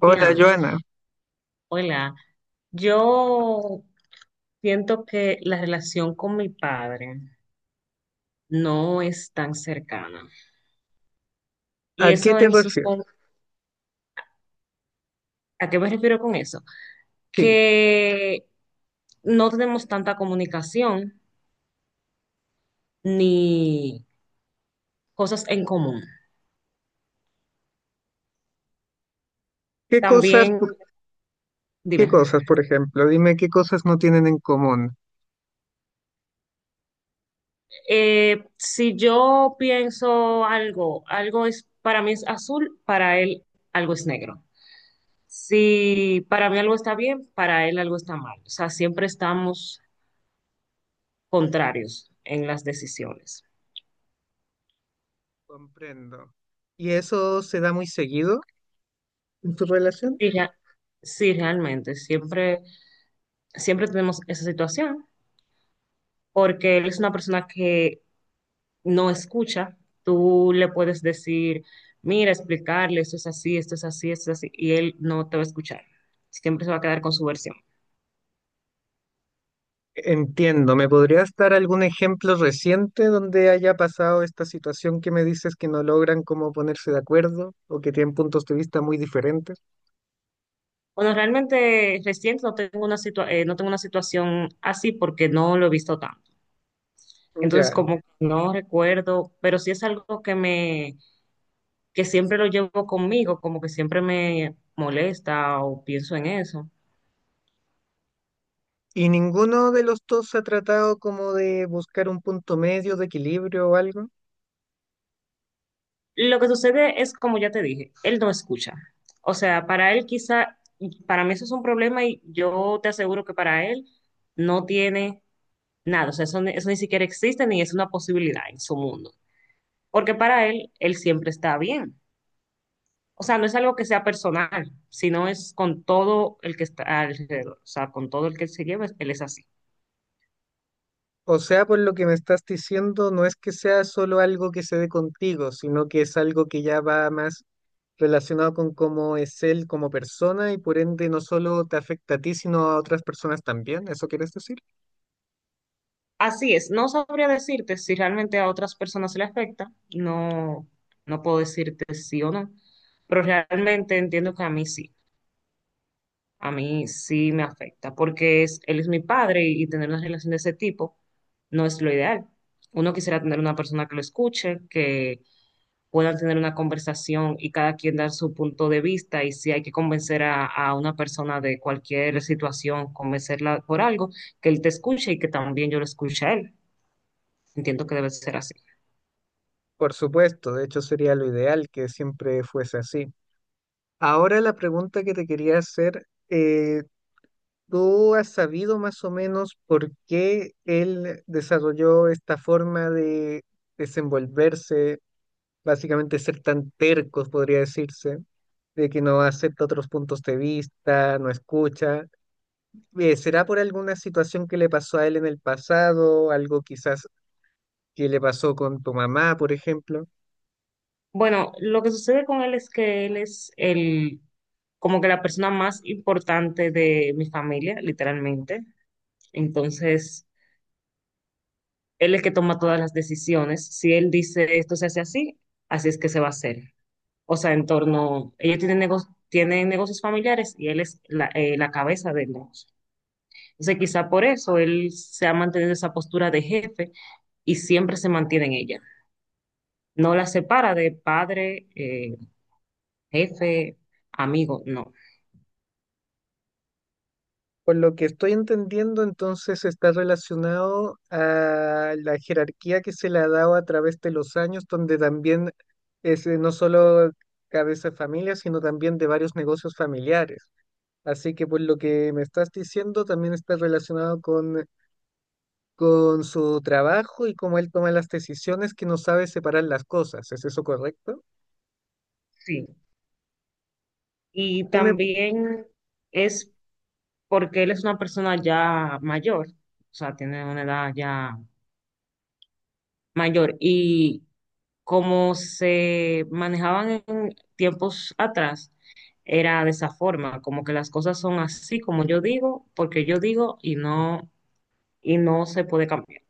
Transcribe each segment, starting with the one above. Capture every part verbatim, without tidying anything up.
Hola, Joana. hola. Yo siento que la relación con mi padre no es tan cercana. Y ¿A qué eso te en sus... refieres? ¿A qué me refiero con eso? Sí. Que no tenemos tanta comunicación ni cosas en común. ¿Qué cosas, También, tú- qué dime, cosas, por ejemplo? Dime qué cosas no tienen en común. eh, si yo pienso algo, algo es, para mí es azul, para él algo es negro. Si para mí algo está bien, para él algo está mal. O sea, siempre estamos contrarios en las decisiones. Comprendo. ¿Y eso se da muy seguido en tu relación? Sí, rea- sí, realmente, siempre, siempre tenemos esa situación, porque él es una persona que no escucha. Tú le puedes decir, mira, explicarle, esto es así, esto es así, esto es así, y él no te va a escuchar. Siempre se va a quedar con su versión. Entiendo. ¿Me podrías dar algún ejemplo reciente donde haya pasado esta situación que me dices que no logran como ponerse de acuerdo o que tienen puntos de vista muy diferentes? Bueno, realmente reciente no tengo una situa- eh, no tengo una situación así porque no lo he visto tanto. Entonces, Ya. como que no recuerdo, pero sí es algo que me, que siempre lo llevo conmigo, como que siempre me molesta o pienso en eso. ¿Y ninguno de los dos ha tratado como de buscar un punto medio de equilibrio o algo? Lo que sucede es, como ya te dije, él no escucha. O sea, para él quizá, para mí eso es un problema y yo te aseguro que para él no tiene nada. O sea, eso, ni- eso ni siquiera existe ni es una posibilidad en su mundo. Porque para él, él siempre está bien. O sea, no es algo que sea personal, sino es con todo el que está alrededor, o sea, con todo el que él se lleva, él es así. O sea, por lo que me estás diciendo, no es que sea solo algo que se dé contigo, sino que es algo que ya va más relacionado con cómo es él como persona y por ende no solo te afecta a ti, sino a otras personas también. ¿Eso quieres decir? Así es, no sabría decirte si realmente a otras personas se le afecta, no, no puedo decirte sí o no, pero realmente entiendo que a mí sí, a mí sí me afecta, porque es, él es mi padre y, y tener una relación de ese tipo no es lo ideal. Uno quisiera tener una persona que lo escuche, que puedan tener una conversación y cada quien dar su punto de vista y si hay que convencer a, a una persona de cualquier situación, convencerla por algo, que él te escuche y que también yo lo escuche a él. Entiendo que debe ser así. Por supuesto, de hecho sería lo ideal que siempre fuese así. Ahora la pregunta que te quería hacer, eh, ¿tú has sabido más o menos por qué él desarrolló esta forma de desenvolverse? Básicamente ser tan tercos, podría decirse, de que no acepta otros puntos de vista, no escucha. Eh, ¿será por alguna situación que le pasó a él en el pasado, algo quizás que le pasó con tu mamá, por ejemplo? Bueno, lo que sucede con él es que él es el, como que la persona más importante de mi familia, literalmente. Entonces, él es el que toma todas las decisiones. Si él dice esto se hace así, así es que se va a hacer. O sea, en torno, ella tiene, nego- tiene negocios familiares y él es la, eh, la cabeza del negocio. Entonces, quizá por eso él se ha mantenido esa postura de jefe y siempre se mantiene en ella. No la separa de padre, eh, jefe, amigo, no. Por lo que estoy entendiendo, entonces está relacionado a la jerarquía que se le ha dado a través de los años, donde también es eh, no solo cabeza de familia, sino también de varios negocios familiares. Así que por lo que me estás diciendo, también está relacionado con, con su trabajo y cómo él toma las decisiones que no sabe separar las cosas. ¿Es eso correcto? Sí. Y ¿Qué me pu- también es porque él es una persona ya mayor, o sea, tiene una edad ya mayor. Y como se manejaban en tiempos atrás, era de esa forma, como que las cosas son así como yo digo, porque yo digo y no, y no se puede cambiar.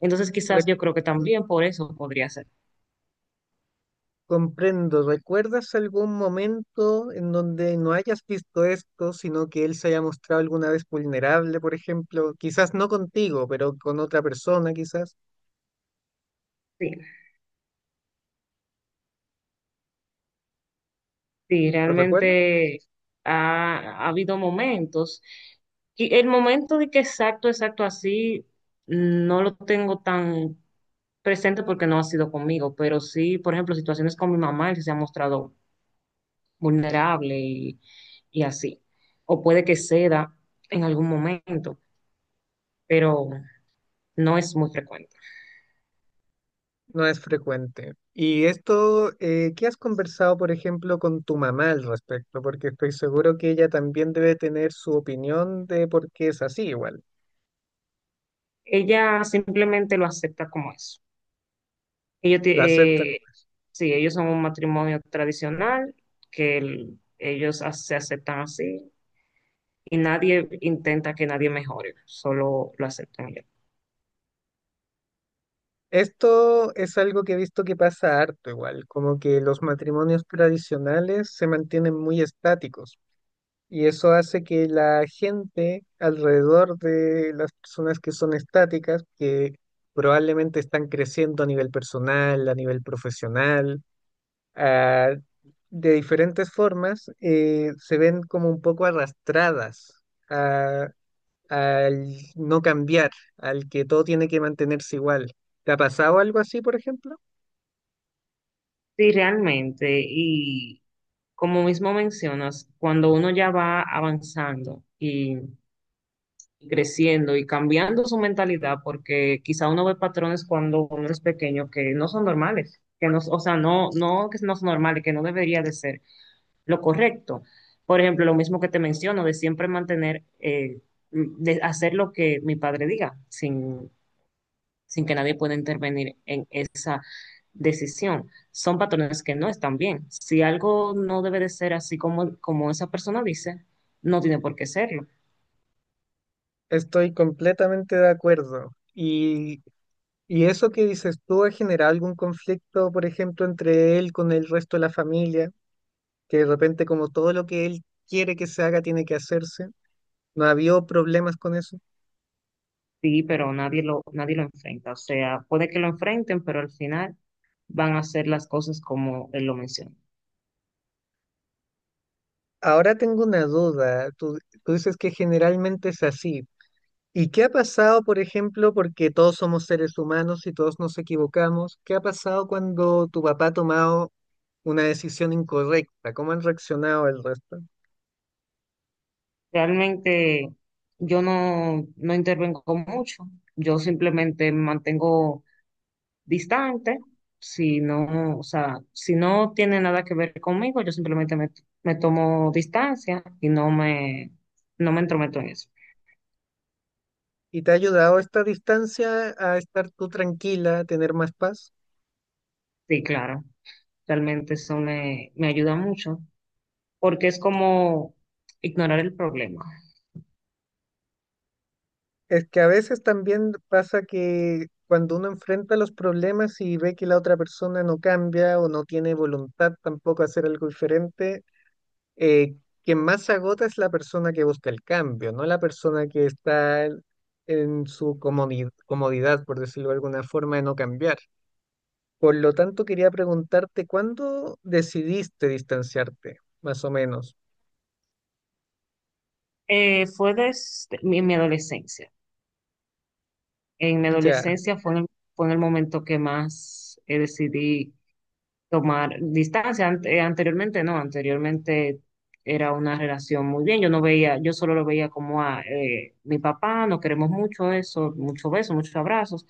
Entonces re- quizás yo creo que también por eso podría ser. ¿Comprendo? ¿Recuerdas algún momento en donde no hayas visto esto, sino que él se haya mostrado alguna vez vulnerable, por ejemplo? Quizás no contigo, pero con otra persona, quizás. Sí, sí, ¿Lo recuerdas? realmente ha, ha habido momentos. Y el momento de que exacto, exacto así, no lo tengo tan presente porque no ha sido conmigo, pero sí, por ejemplo, situaciones con mi mamá, que se ha mostrado vulnerable y, y así. O puede que ceda en algún momento. pero no es muy frecuente. No es frecuente. Y esto, eh, ¿qué has conversado, por ejemplo, con tu mamá al respecto? Porque estoy seguro que ella también debe tener su opinión de por qué es así igual. Ella simplemente lo acepta como eso. Ellos, ti- La acepta. eh, sí, ellos son un matrimonio tradicional, que el- ellos a- se aceptan así y nadie intenta que nadie mejore, solo lo aceptan ellos. Esto es algo que he visto que pasa harto igual, como que los matrimonios tradicionales se mantienen muy estáticos y eso hace que la gente alrededor de las personas que son estáticas, que probablemente están creciendo a nivel personal, a nivel profesional, ah, de diferentes formas, eh, se ven como un poco arrastradas a- al no cambiar, al que todo tiene que mantenerse igual. ¿Te ha pasado algo así, por ejemplo? Sí, realmente, y como mismo mencionas, cuando uno ya va avanzando y y creciendo y cambiando su mentalidad, porque quizá uno ve patrones cuando uno es pequeño que no son normales, que no, o sea, no, no que no son normales, que no debería de ser lo correcto. Por ejemplo, lo mismo que te menciono, de siempre mantener, eh, de hacer lo que mi padre diga, sin, sin que nadie pueda intervenir en esa decisión. Son patrones que no están bien. Si algo no debe de ser así como, como esa persona dice, no tiene por qué serlo. Estoy completamente de acuerdo. Y, y eso que dices tú ha generado algún conflicto, por ejemplo, entre él con el resto de la familia, que de repente como todo lo que él quiere que se haga tiene que hacerse. ¿No ha habido problemas con eso? Sí, pero nadie lo, nadie lo enfrenta. O sea, puede que lo enfrenten, pero al final van a hacer las cosas como él lo menciona. Ahora tengo una duda. Tú, tú dices que generalmente es así. ¿Y qué ha pasado, por ejemplo, porque todos somos seres humanos y todos nos equivocamos? ¿Qué ha pasado cuando tu papá ha tomado una decisión incorrecta? ¿Cómo han reaccionado el resto? Realmente yo no, no intervengo mucho. Yo simplemente me mantengo distante. Si no, o sea, si no tiene nada que ver conmigo, yo simplemente me, me tomo distancia y no me, no me entrometo en eso. ¿Y te ha ayudado esta distancia a estar tú tranquila, a tener más paz? Sí, claro. Realmente eso me, me ayuda mucho porque es como ignorar el problema. Es que a veces también pasa que cuando uno enfrenta los problemas y ve que la otra persona no cambia o no tiene voluntad tampoco a hacer algo diferente, eh, quien más se agota es la persona que busca el cambio, no la persona que está en en su comodi- comodidad, por decirlo de alguna forma, de no cambiar. Por lo tanto, quería preguntarte, ¿cuándo decidiste distanciarte, más o menos? Eh, fue desde mi, mi adolescencia. En mi Ya, adolescencia fue en el, fue en el momento que más eh, decidí tomar distancia. Ante- eh, anteriormente no, anteriormente era una relación muy bien. Yo no veía, yo solo lo veía como a eh, mi papá, nos queremos mucho eso, muchos besos, muchos abrazos.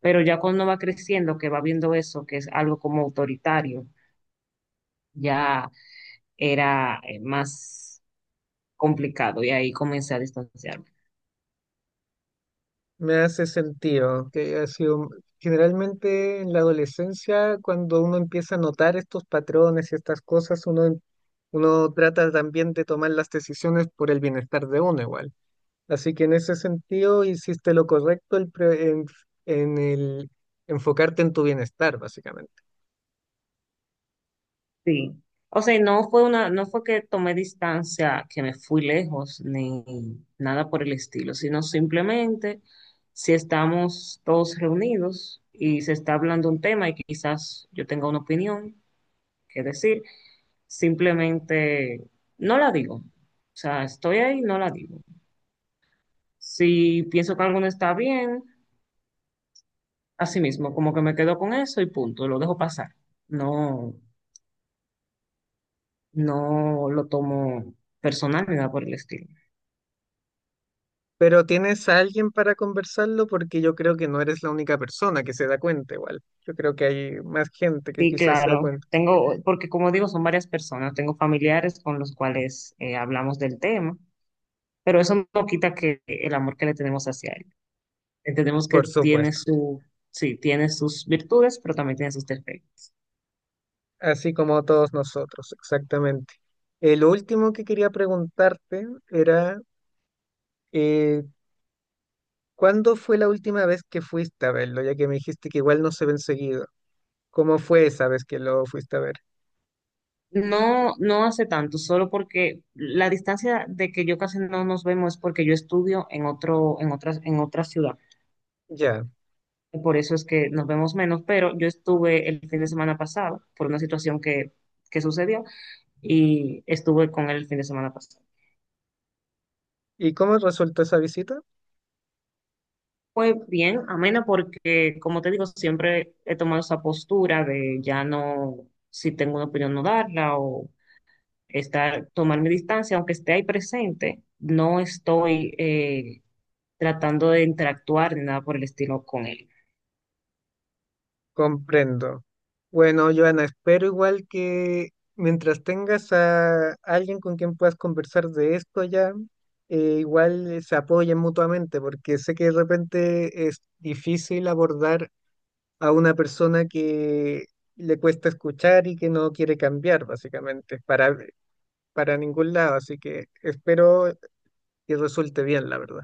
Pero ya cuando va creciendo, que va viendo eso, que es algo como autoritario, ya era eh, más complicado y ahí comencé a distanciarme. me hace sentido que ha sido generalmente en la adolescencia, cuando uno empieza a notar estos patrones y estas cosas, uno, uno trata también de tomar las decisiones por el bienestar de uno igual. Así que en ese sentido hiciste lo correcto el pre- en, en el enfocarte en tu bienestar, básicamente. Sí. O sea, no fue una, no fue que tomé distancia, que me fui lejos, ni nada por el estilo, sino simplemente si estamos todos reunidos y se está hablando un tema y quizás yo tenga una opinión que decir, simplemente no la digo. O sea, estoy ahí, no la digo. Si pienso que algo no está bien, así mismo, como que me quedo con eso y punto, lo dejo pasar. No, no lo tomo personal ni nada por el estilo. Pero tienes a alguien para conversarlo porque yo creo que no eres la única persona que se da cuenta igual. Yo creo que hay más gente que Sí, quizás se da claro. cuenta, Tengo, porque como digo, son varias personas. Tengo familiares con los cuales eh, hablamos del tema, pero eso no quita que el amor que le tenemos hacia él. Entendemos que por tiene supuesto, su, sí, tiene sus virtudes, pero también tiene sus defectos. así como todos nosotros, exactamente. Eh, lo último que quería preguntarte era, eh, ¿cuándo fue la última vez que fuiste a verlo? Ya que me dijiste que igual no se ven seguido. ¿Cómo fue esa vez que lo fuiste a ver? No, no hace tanto, solo porque la distancia de que yo casi no nos vemos es porque yo estudio en otro, en otras, en otra ciudad. Ya. Por eso es que nos vemos menos, pero yo estuve el fin de semana pasado por una situación que, que sucedió y estuve con él el fin de semana pasado. ¿Y cómo resultó esa visita? Fue bien, amena, porque como te digo, siempre he tomado esa postura de ya no, si tengo una opinión, no darla o estar, tomar mi distancia, aunque esté ahí presente, no estoy eh, tratando de interactuar ni nada por el estilo con él. Comprendo. Bueno, Joana, espero igual que mientras tengas a alguien con quien puedas conversar de esto ya, eh, igual eh, se apoyen mutuamente, porque sé que de repente es difícil abordar a una persona que le cuesta escuchar y que no quiere cambiar, básicamente, para, para ningún lado. Así que espero que resulte bien, la verdad.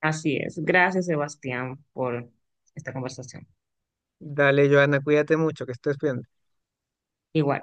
Así es. Gracias, Sebastián, por esta conversación. Dale, Joana, cuídate mucho, que estés bien. Igual.